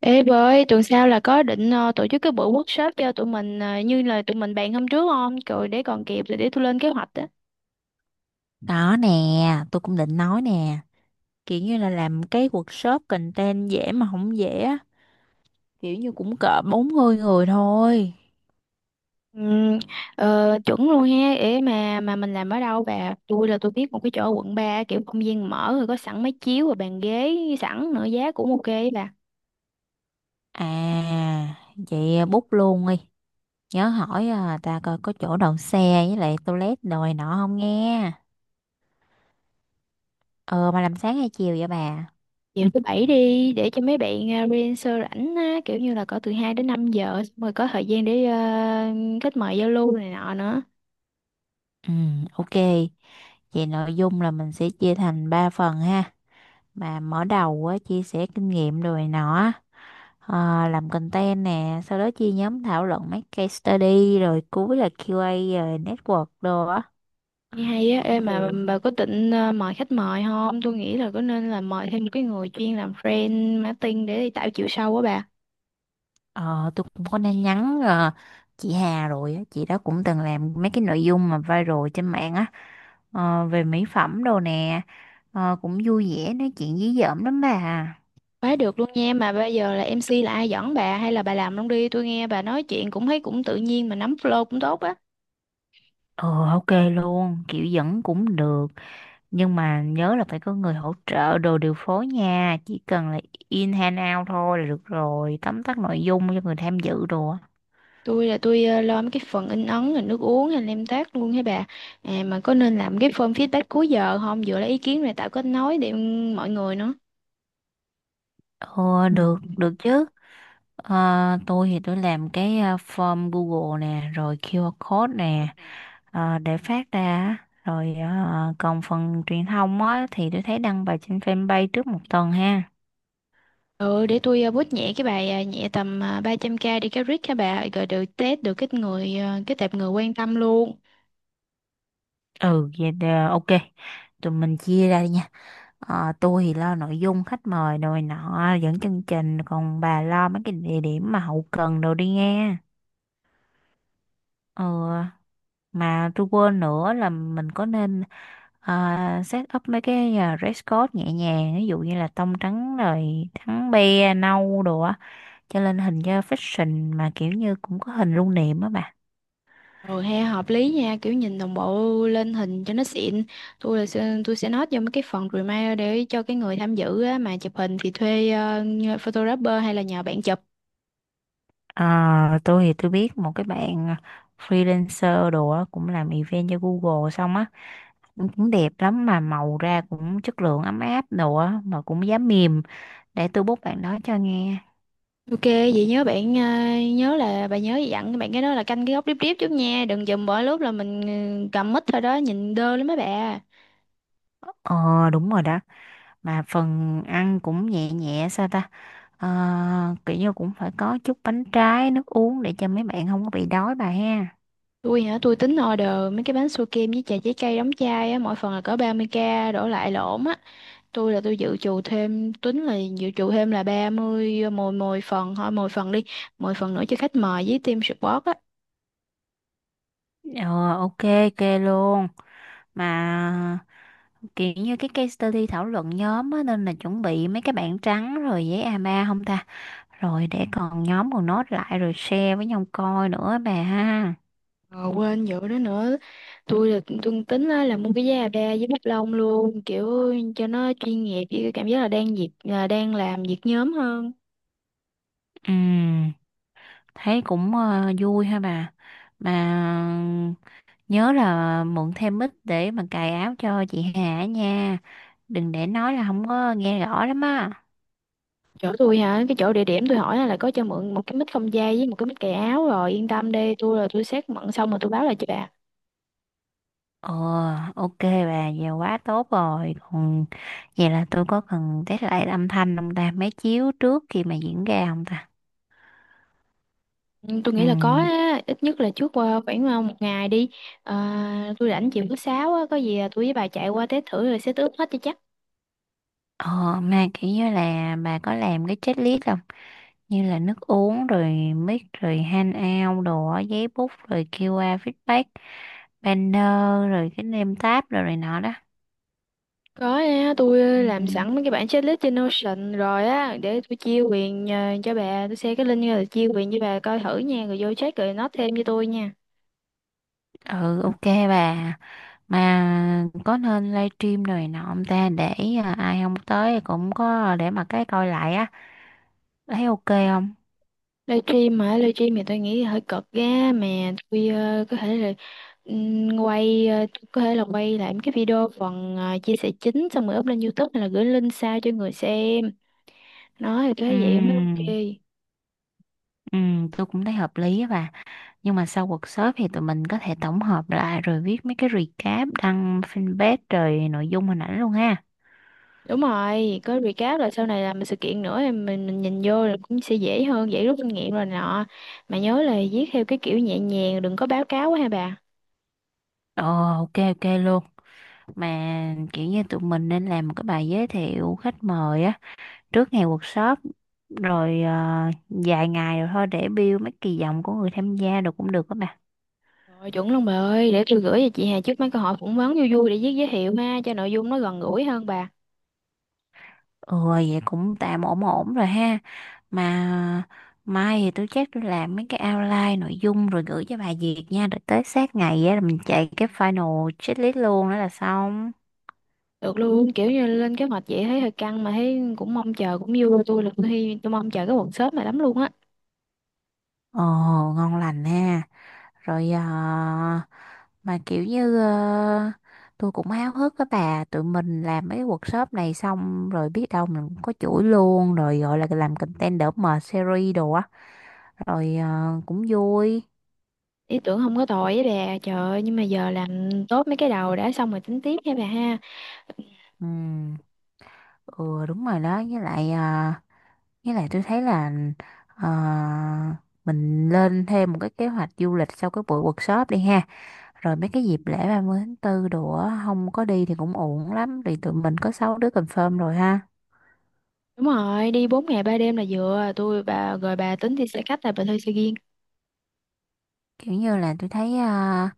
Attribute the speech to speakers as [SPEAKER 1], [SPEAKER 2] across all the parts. [SPEAKER 1] Ê bà ơi, tuần sau là có định tổ chức cái buổi workshop cho tụi mình như là tụi mình bàn hôm trước không? Rồi để còn kịp, rồi để tôi lên kế hoạch á.
[SPEAKER 2] Đó nè, tôi cũng định nói nè, kiểu như là làm cái workshop content dễ mà không dễ á. Kiểu như cũng cỡ 40 người thôi.
[SPEAKER 1] Ừm, ờ, chuẩn luôn ha, để mà mình làm ở đâu bà? Tôi là tôi biết một cái chỗ ở quận ba, kiểu không gian mở rồi có sẵn máy chiếu và bàn ghế sẵn nữa, giá cũng ok ấy bà.
[SPEAKER 2] À, vậy bút luôn đi. Nhớ hỏi à, ta coi có chỗ đậu xe với lại toilet đồi nọ không nghe. Ờ mà làm sáng hay chiều vậy bà?
[SPEAKER 1] Chiều thứ bảy đi để cho mấy bạn freelancer rảnh á, kiểu như là có từ 2 đến 5 giờ xong rồi có thời gian để kết mời giao lưu này nọ nữa.
[SPEAKER 2] Ừ, ok. Vậy nội dung là mình sẽ chia thành 3 phần ha. Mà mở đầu á, chia sẻ kinh nghiệm rồi nọ, làm content nè, sau đó chia nhóm thảo luận mấy case study, rồi cuối là QA rồi network đồ á.
[SPEAKER 1] Nghe hay á, ê
[SPEAKER 2] Cũng
[SPEAKER 1] mà
[SPEAKER 2] được.
[SPEAKER 1] bà có định mời khách mời không? Tôi nghĩ là có, nên là mời thêm một cái người chuyên làm friend marketing để đi tạo chiều sâu á bà.
[SPEAKER 2] Ờ, tôi cũng có nên nhắn chị Hà rồi á, chị đó cũng từng làm mấy cái nội dung mà viral trên mạng á, về mỹ phẩm đồ nè. Cũng vui vẻ nói chuyện dí dỏm lắm bà.
[SPEAKER 1] Quá được luôn nha, mà bây giờ là MC là ai dẫn bà hay là bà làm luôn đi, tôi nghe bà nói chuyện cũng thấy cũng tự nhiên mà nắm flow cũng tốt á.
[SPEAKER 2] Ờ ok luôn, kiểu dẫn cũng được, nhưng mà nhớ là phải có người hỗ trợ đồ điều phối nha, chỉ cần là in hand out thôi là được rồi, tóm tắt nội dung cho người tham dự đồ á.
[SPEAKER 1] Tôi lo mấy cái phần in ấn rồi nước uống hay nem tác luôn hả bà. À, mà có nên làm cái form feedback cuối giờ không? Vừa lấy ý kiến này tạo kết nối để mọi người nữa.
[SPEAKER 2] Ờ, được được chứ. Ờ, tôi thì tôi làm cái form Google nè, rồi QR code nè, để phát ra á. Rồi còn phần truyền thông á thì tôi thấy đăng bài trên fanpage trước một tuần ha.
[SPEAKER 1] Ừ, để tôi bút nhẹ cái bài à, nhẹ tầm 300k đi cái rít các bà rồi được test được cái người à, cái tệp người quan tâm luôn.
[SPEAKER 2] Ừ vậy, ok, tụi mình chia ra đi nha. Ờ, tôi thì lo nội dung khách mời rồi nọ dẫn chương trình, còn bà lo mấy cái địa điểm mà hậu cần đồ đi nghe. ờ mà tôi quên nữa là mình có nên set up mấy cái dress code nhẹ nhàng, ví dụ như là tông trắng rồi trắng be nâu đồ á, cho lên hình cho fashion, mà kiểu như cũng có hình lưu niệm á bà.
[SPEAKER 1] Rồi he hợp lý nha, kiểu nhìn đồng bộ lên hình cho nó xịn. Tôi sẽ note vô mấy cái phần reminder để cho cái người tham dự á, mà chụp hình thì thuê à, nhờ photographer hay là nhờ bạn chụp.
[SPEAKER 2] Ờ, tôi thì tôi biết một cái bạn freelancer đồ á, cũng làm event cho Google xong á, cũng cũng đẹp lắm mà màu ra cũng chất lượng ấm áp đồ á, mà cũng giá mềm. Để tôi bút bạn đó cho nghe.
[SPEAKER 1] Ok vậy nhớ bạn à, nhớ là bà nhớ dặn bạn cái đó là canh cái góc điếp điếp chút nha, đừng dùm bỏ lúc là mình ừ, cầm mic thôi đó nhìn đơ lắm mấy bà.
[SPEAKER 2] Ờ, đúng rồi đó. Mà phần ăn cũng nhẹ nhẹ sao ta? Kiểu như cũng phải có chút bánh trái nước uống để cho mấy bạn không có bị đói bà ha.
[SPEAKER 1] Tôi hả, tôi tính order mấy cái bánh su kem với trà trái cây đóng chai á, mỗi phần là cỡ 30k đổ lại lộn á. Tôi là tôi dự trù thêm, Tính là dự trù thêm là 30 mồi mồi phần thôi, mồi phần đi, mồi phần nữa cho khách mời với team support á.
[SPEAKER 2] Ờ, ok ok luôn. Mà kiểu như cái case study thảo luận nhóm á, nên là chuẩn bị mấy cái bảng trắng rồi giấy a ba không ta, rồi để còn nhóm còn nốt lại rồi share với nhau coi nữa bà ha.
[SPEAKER 1] Ờ, quên vụ đó nữa. Tôi tính á, là mua cái giá ba với bút lông luôn, kiểu cho nó chuyên nghiệp, với cái cảm giác là đang dịp là đang làm việc nhóm hơn.
[SPEAKER 2] Ừ, thấy cũng vui ha bà. Mà nhớ là mượn thêm mic để mà cài áo cho chị Hà nha. Đừng để nói là không có nghe rõ lắm á.
[SPEAKER 1] Chỗ tôi hả, cái chỗ địa điểm tôi hỏi là có cho mượn một cái mít không dây với một cái mít cài áo rồi, yên tâm đi, tôi xét mận xong rồi tôi báo lại cho bà.
[SPEAKER 2] Ờ, ok bà, giờ quá tốt rồi. Còn vậy là tôi có cần test lại âm thanh không ta? Máy chiếu trước khi mà diễn ra không ta?
[SPEAKER 1] Ừ, tôi
[SPEAKER 2] Ừ.
[SPEAKER 1] nghĩ là có á, ít nhất là trước khoảng một ngày đi. À, tôi rảnh chiều thứ sáu á, có gì là tôi với bà chạy qua test thử rồi set up hết cho chắc.
[SPEAKER 2] Ờ, mà kiểu như là bà có làm cái checklist không? Như là nước uống rồi mic rồi handout đồ á, giấy bút rồi QR feedback, banner, rồi cái name tab rồi này nọ đó.
[SPEAKER 1] Có á, tôi làm
[SPEAKER 2] Ừ.
[SPEAKER 1] sẵn mấy cái bản checklist trên Notion rồi á, để tôi chia quyền cho bà, tôi share cái link rồi chia quyền cho bà coi thử nha rồi vô check rồi nó thêm cho tôi nha.
[SPEAKER 2] Ừ, ok bà. Mà có nên livestream rồi nọ ông ta để ai không tới cũng có để mà cái coi lại á. Thấy ok không?
[SPEAKER 1] Livestream hả, livestream thì tôi nghĩ hơi cực ghê. Mà tôi có thể là tôi có thể là quay lại mấy cái video phần chia sẻ chính xong rồi up lên YouTube hay là gửi link sao cho người xem nói thì tôi
[SPEAKER 2] Ừ.
[SPEAKER 1] thấy vậy mới ok.
[SPEAKER 2] Ừ, tôi cũng thấy hợp lý á bà. Nhưng mà sau workshop thì tụi mình có thể tổng hợp lại rồi viết mấy cái recap đăng fanpage rồi nội dung hình ảnh luôn ha.
[SPEAKER 1] Đúng rồi, có recap là sau này làm sự kiện nữa thì mình nhìn vô là cũng sẽ dễ hơn, dễ rút kinh nghiệm rồi nọ. Mà nhớ là viết theo cái kiểu nhẹ nhàng, đừng có báo cáo quá ha bà.
[SPEAKER 2] Ờ, ok ok luôn. Mà kiểu như tụi mình nên làm một cái bài giới thiệu khách mời á trước ngày workshop, rồi vài ngày rồi thôi để build mấy kỳ vọng của người tham gia, được cũng được các bạn.
[SPEAKER 1] Rồi chuẩn luôn bà ơi, để tôi gửi cho chị Hà trước mấy câu hỏi phỏng vấn vui vui để viết giới thiệu ha, cho nội dung nó gần gũi hơn bà.
[SPEAKER 2] Ừ vậy cũng tạm ổn ổn rồi ha. Mà mai thì tôi chắc tôi làm mấy cái outline nội dung rồi gửi cho bà Diệp nha, rồi tới sát ngày á là mình chạy cái final checklist luôn, đó là xong.
[SPEAKER 1] Được luôn, kiểu như lên kế hoạch vậy thấy hơi căng mà thấy cũng mong chờ cũng vui, tôi là tôi hy- tôi mong chờ cái workshop này lắm luôn á.
[SPEAKER 2] Ồ, ngon lành ha. Rồi à, mà kiểu như tôi cũng háo hức á bà. Tụi mình làm mấy workshop này xong rồi biết đâu mình cũng có chuỗi luôn, rồi gọi là làm content đỡ mệt series đồ á, rồi cũng vui.
[SPEAKER 1] Ý tưởng không có tồi với bà, trời ơi, nhưng mà giờ làm tốt mấy cái đầu đã xong rồi tính tiếp nha bà ha.
[SPEAKER 2] Ừ. Ừ, đúng rồi đó. Với lại tôi thấy là à, mình lên thêm một cái kế hoạch du lịch sau cái buổi workshop đi ha, rồi mấy cái dịp lễ 30 tháng 4 đồ á, không có đi thì cũng uổng lắm. Thì tụi mình có 6 đứa confirm rồi ha.
[SPEAKER 1] Đúng rồi, đi 4 ngày 3 đêm là vừa, tôi bà rồi bà tính đi xe khách là bà thuê xe riêng?
[SPEAKER 2] Kiểu như là tôi thấy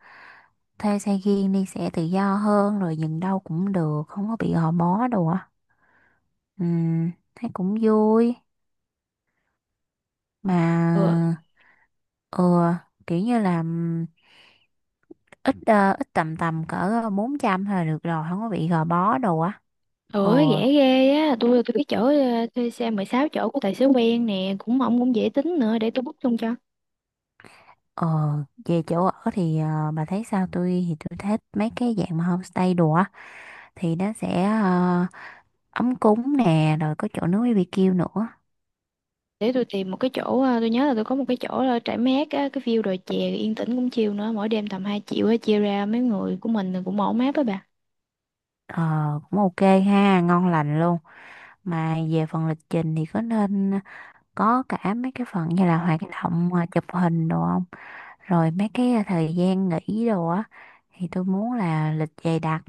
[SPEAKER 2] thuê xe riêng đi sẽ tự do hơn, rồi dừng đâu cũng được không có bị gò bó đồ á. Thấy cũng vui
[SPEAKER 1] Ừ,
[SPEAKER 2] mà. Ừ. Kiểu như là ít tầm tầm cỡ 400 là được rồi, không có bị gò bó đồ á. Ừ.
[SPEAKER 1] ủa rẻ ghê á, tôi cái chỗ thuê xe 16 chỗ của tài xế quen nè, cũng ông cũng dễ tính nữa, để tôi book luôn cho.
[SPEAKER 2] ờ Về chỗ ở thì bà thấy sao? Tôi thì tôi thích mấy cái dạng mà homestay đồ á, thì nó sẽ ấm cúng nè, rồi có chỗ nướng BBQ nữa.
[SPEAKER 1] Để tôi tìm một cái chỗ à, tôi nhớ là tôi có một cái chỗ là trải mát á, cái view đồi chè yên tĩnh cũng chill nữa, mỗi đêm tầm 2 triệu á, chia ra mấy người của mình thì cũng ổn áp á bà.
[SPEAKER 2] Ờ, cũng ok ha, ngon lành luôn. Mà về phần lịch trình thì có nên có cả mấy cái phần như là hoạt động chụp hình đồ không? Rồi mấy cái thời gian nghỉ đồ á, thì tôi muốn là lịch dày đặc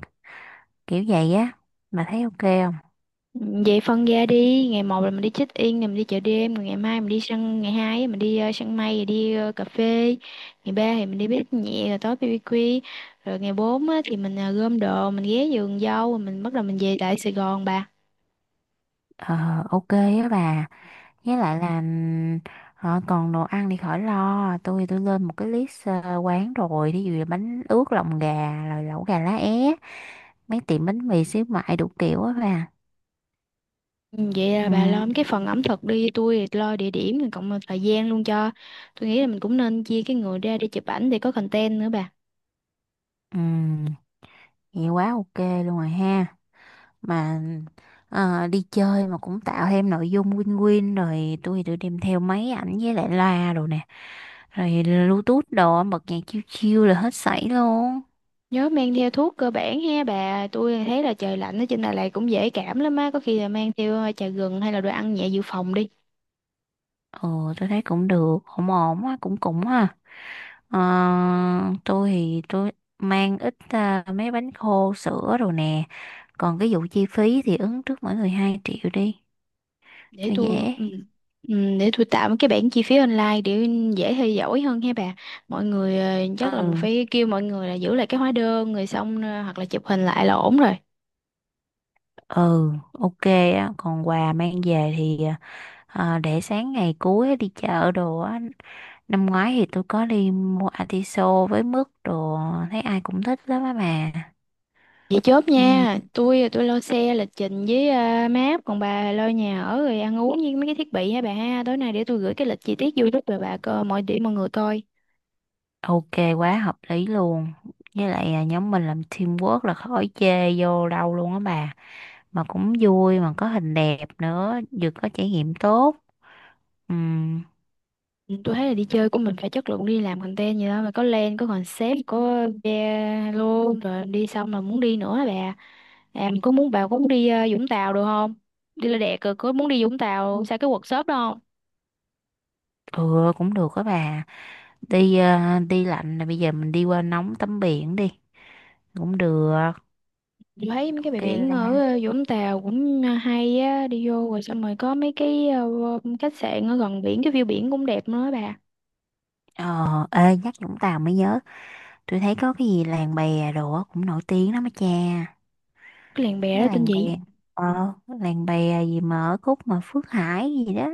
[SPEAKER 2] kiểu vậy á. Bà thấy ok không?
[SPEAKER 1] Ừ, vậy phân ra đi, ngày một là mình đi check in rồi mình đi chợ đêm, rồi ngày mai mình đi săn, ngày hai á, mình đi săn mây rồi đi cà phê, ngày ba thì mình đi bếp nhẹ rồi tối BBQ, rồi ngày bốn á, thì mình gom đồ, mình ghé vườn dâu rồi mình bắt đầu mình về lại Sài Gòn bà.
[SPEAKER 2] Ờ, ok á bà. Với lại là còn đồ ăn thì khỏi lo. Tôi lên một cái list quán rồi. Thí dụ là bánh ướt lòng gà, rồi lẩu gà lá é, mấy tiệm bánh mì xíu mại đủ kiểu á bà.
[SPEAKER 1] Ừ, vậy
[SPEAKER 2] Ừ.
[SPEAKER 1] là bà lo cái phần ẩm thực đi, tôi thì lo địa điểm rồi cộng thời gian luôn cho. Tôi nghĩ là mình cũng nên chia cái người ra để chụp ảnh để có content nữa bà.
[SPEAKER 2] Ừ. Nghe quá ok luôn rồi ha. Mà đi chơi mà cũng tạo thêm nội dung win-win, rồi tôi đem theo máy ảnh với lại loa đồ nè. Rồi Bluetooth đồ bật nhạc chill chill là hết sảy luôn.
[SPEAKER 1] Nhớ mang theo thuốc cơ bản ha bà, tôi thấy là trời lạnh ở trên Đà Lạt cũng dễ cảm lắm á, có khi là mang theo trà gừng hay là đồ ăn nhẹ dự phòng đi.
[SPEAKER 2] Ừ, tôi thấy cũng được, ổn ổn á, cũng cũng ha. Ờ, tôi thì tôi mang ít mấy bánh khô sữa đồ nè. Còn cái vụ chi phí thì ứng trước mỗi người 2 triệu đi
[SPEAKER 1] Để
[SPEAKER 2] cho
[SPEAKER 1] tôi
[SPEAKER 2] dễ.
[SPEAKER 1] ừ. Ừ, để tôi tạo cái bảng chi phí online để dễ theo dõi hơn ha bà. Mọi người chắc là
[SPEAKER 2] Ừ.
[SPEAKER 1] phải kêu mọi người là giữ lại cái hóa đơn rồi xong hoặc là chụp hình lại là ổn rồi.
[SPEAKER 2] Ừ, ok á. Còn quà mang về thì để sáng ngày cuối đi chợ đồ á. Năm ngoái thì tôi có đi mua atiso với mứt đồ, thấy ai cũng thích lắm á mà.
[SPEAKER 1] Vậy chốt
[SPEAKER 2] Ừ,
[SPEAKER 1] nha, tôi lo xe lịch trình với map, còn bà lo nhà ở rồi ăn uống với mấy cái thiết bị ha bà ha. Tối nay để tôi gửi cái lịch chi tiết vô giúp rồi bà coi mọi điểm mọi người coi.
[SPEAKER 2] ok, quá hợp lý luôn. Với lại à, nhóm mình làm teamwork là khỏi chê vô đâu luôn á bà, mà cũng vui mà có hình đẹp nữa, vừa có trải nghiệm tốt. Ừ.
[SPEAKER 1] Ừ, tôi thấy là đi chơi của mình phải chất lượng, đi làm content gì đó mà có plan, có concept, có video luôn rồi đi xong là muốn đi nữa hả bà. À, mình có muốn bà có muốn đi Vũng Tàu được không? Đi là đẹp rồi, có muốn đi Vũng Tàu sao cái workshop đó không?
[SPEAKER 2] Ừ, cũng được á bà. Đi lạnh là bây giờ mình đi qua nóng tắm biển đi, cũng được,
[SPEAKER 1] Chị thấy mấy cái bãi
[SPEAKER 2] ok.
[SPEAKER 1] biển ở Vũng Tàu cũng hay á, đi vô rồi xong rồi có mấy cái khách sạn ở gần biển cái view biển cũng đẹp nữa á bà.
[SPEAKER 2] Ờ, ê, nhắc Vũng Tàu mới nhớ. Tôi thấy có cái gì làng bè đồ á cũng nổi tiếng lắm á cha.
[SPEAKER 1] Cái làng bè
[SPEAKER 2] Mấy
[SPEAKER 1] đó
[SPEAKER 2] cái
[SPEAKER 1] tên
[SPEAKER 2] làng
[SPEAKER 1] gì?
[SPEAKER 2] bè. Ờ, làng bè gì mà ở Cúc mà Phước Hải gì đó.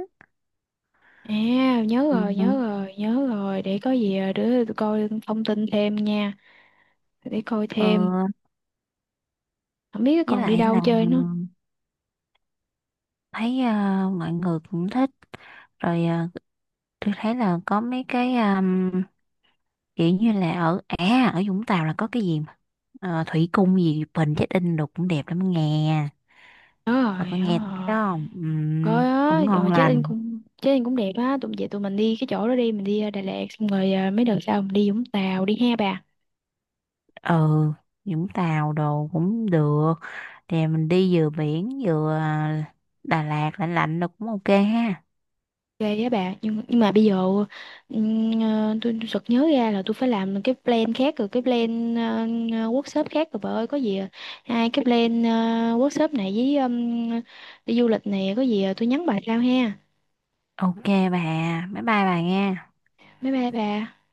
[SPEAKER 1] À, nhớ
[SPEAKER 2] Ừ.
[SPEAKER 1] rồi nhớ rồi nhớ rồi để có gì để tôi coi thông tin thêm nha. Để coi
[SPEAKER 2] Ờ,
[SPEAKER 1] thêm, không biết
[SPEAKER 2] với
[SPEAKER 1] còn đi
[SPEAKER 2] lại
[SPEAKER 1] đâu
[SPEAKER 2] là
[SPEAKER 1] chơi nữa.
[SPEAKER 2] thấy mọi người cũng thích. Rồi tôi thấy là có mấy cái kiểu như là ở Vũng Tàu là có cái gì mà thủy cung gì Bình Chết In đồ cũng đẹp lắm nghe.
[SPEAKER 1] nhớ
[SPEAKER 2] Bà
[SPEAKER 1] rồi
[SPEAKER 2] có
[SPEAKER 1] nhớ
[SPEAKER 2] nghe tới cái
[SPEAKER 1] rồi
[SPEAKER 2] đó không? Ừ,
[SPEAKER 1] Có á,
[SPEAKER 2] cũng ngon
[SPEAKER 1] rồi chết anh,
[SPEAKER 2] lành.
[SPEAKER 1] cũng chết anh cũng đẹp á, tụi về tụi mình đi cái chỗ đó đi, mình đi Đà Lạt xong rồi mấy đợt sau mình đi Vũng Tàu đi ha bà.
[SPEAKER 2] Ừ, Vũng Tàu đồ cũng được. Thì mình đi vừa biển vừa Đà Lạt lạnh lạnh được cũng ok ha.
[SPEAKER 1] Ghê á bà, nhưng mà bây giờ tôi sực nhớ ra là tôi phải làm cái plan khác rồi, cái plan workshop khác rồi bà ơi, có gì à? Hai cái plan workshop này với đi du lịch này, có gì à? Tôi nhắn bà sau ha.
[SPEAKER 2] Ok bà, bye bye bà nghe.
[SPEAKER 1] Bye bye bà.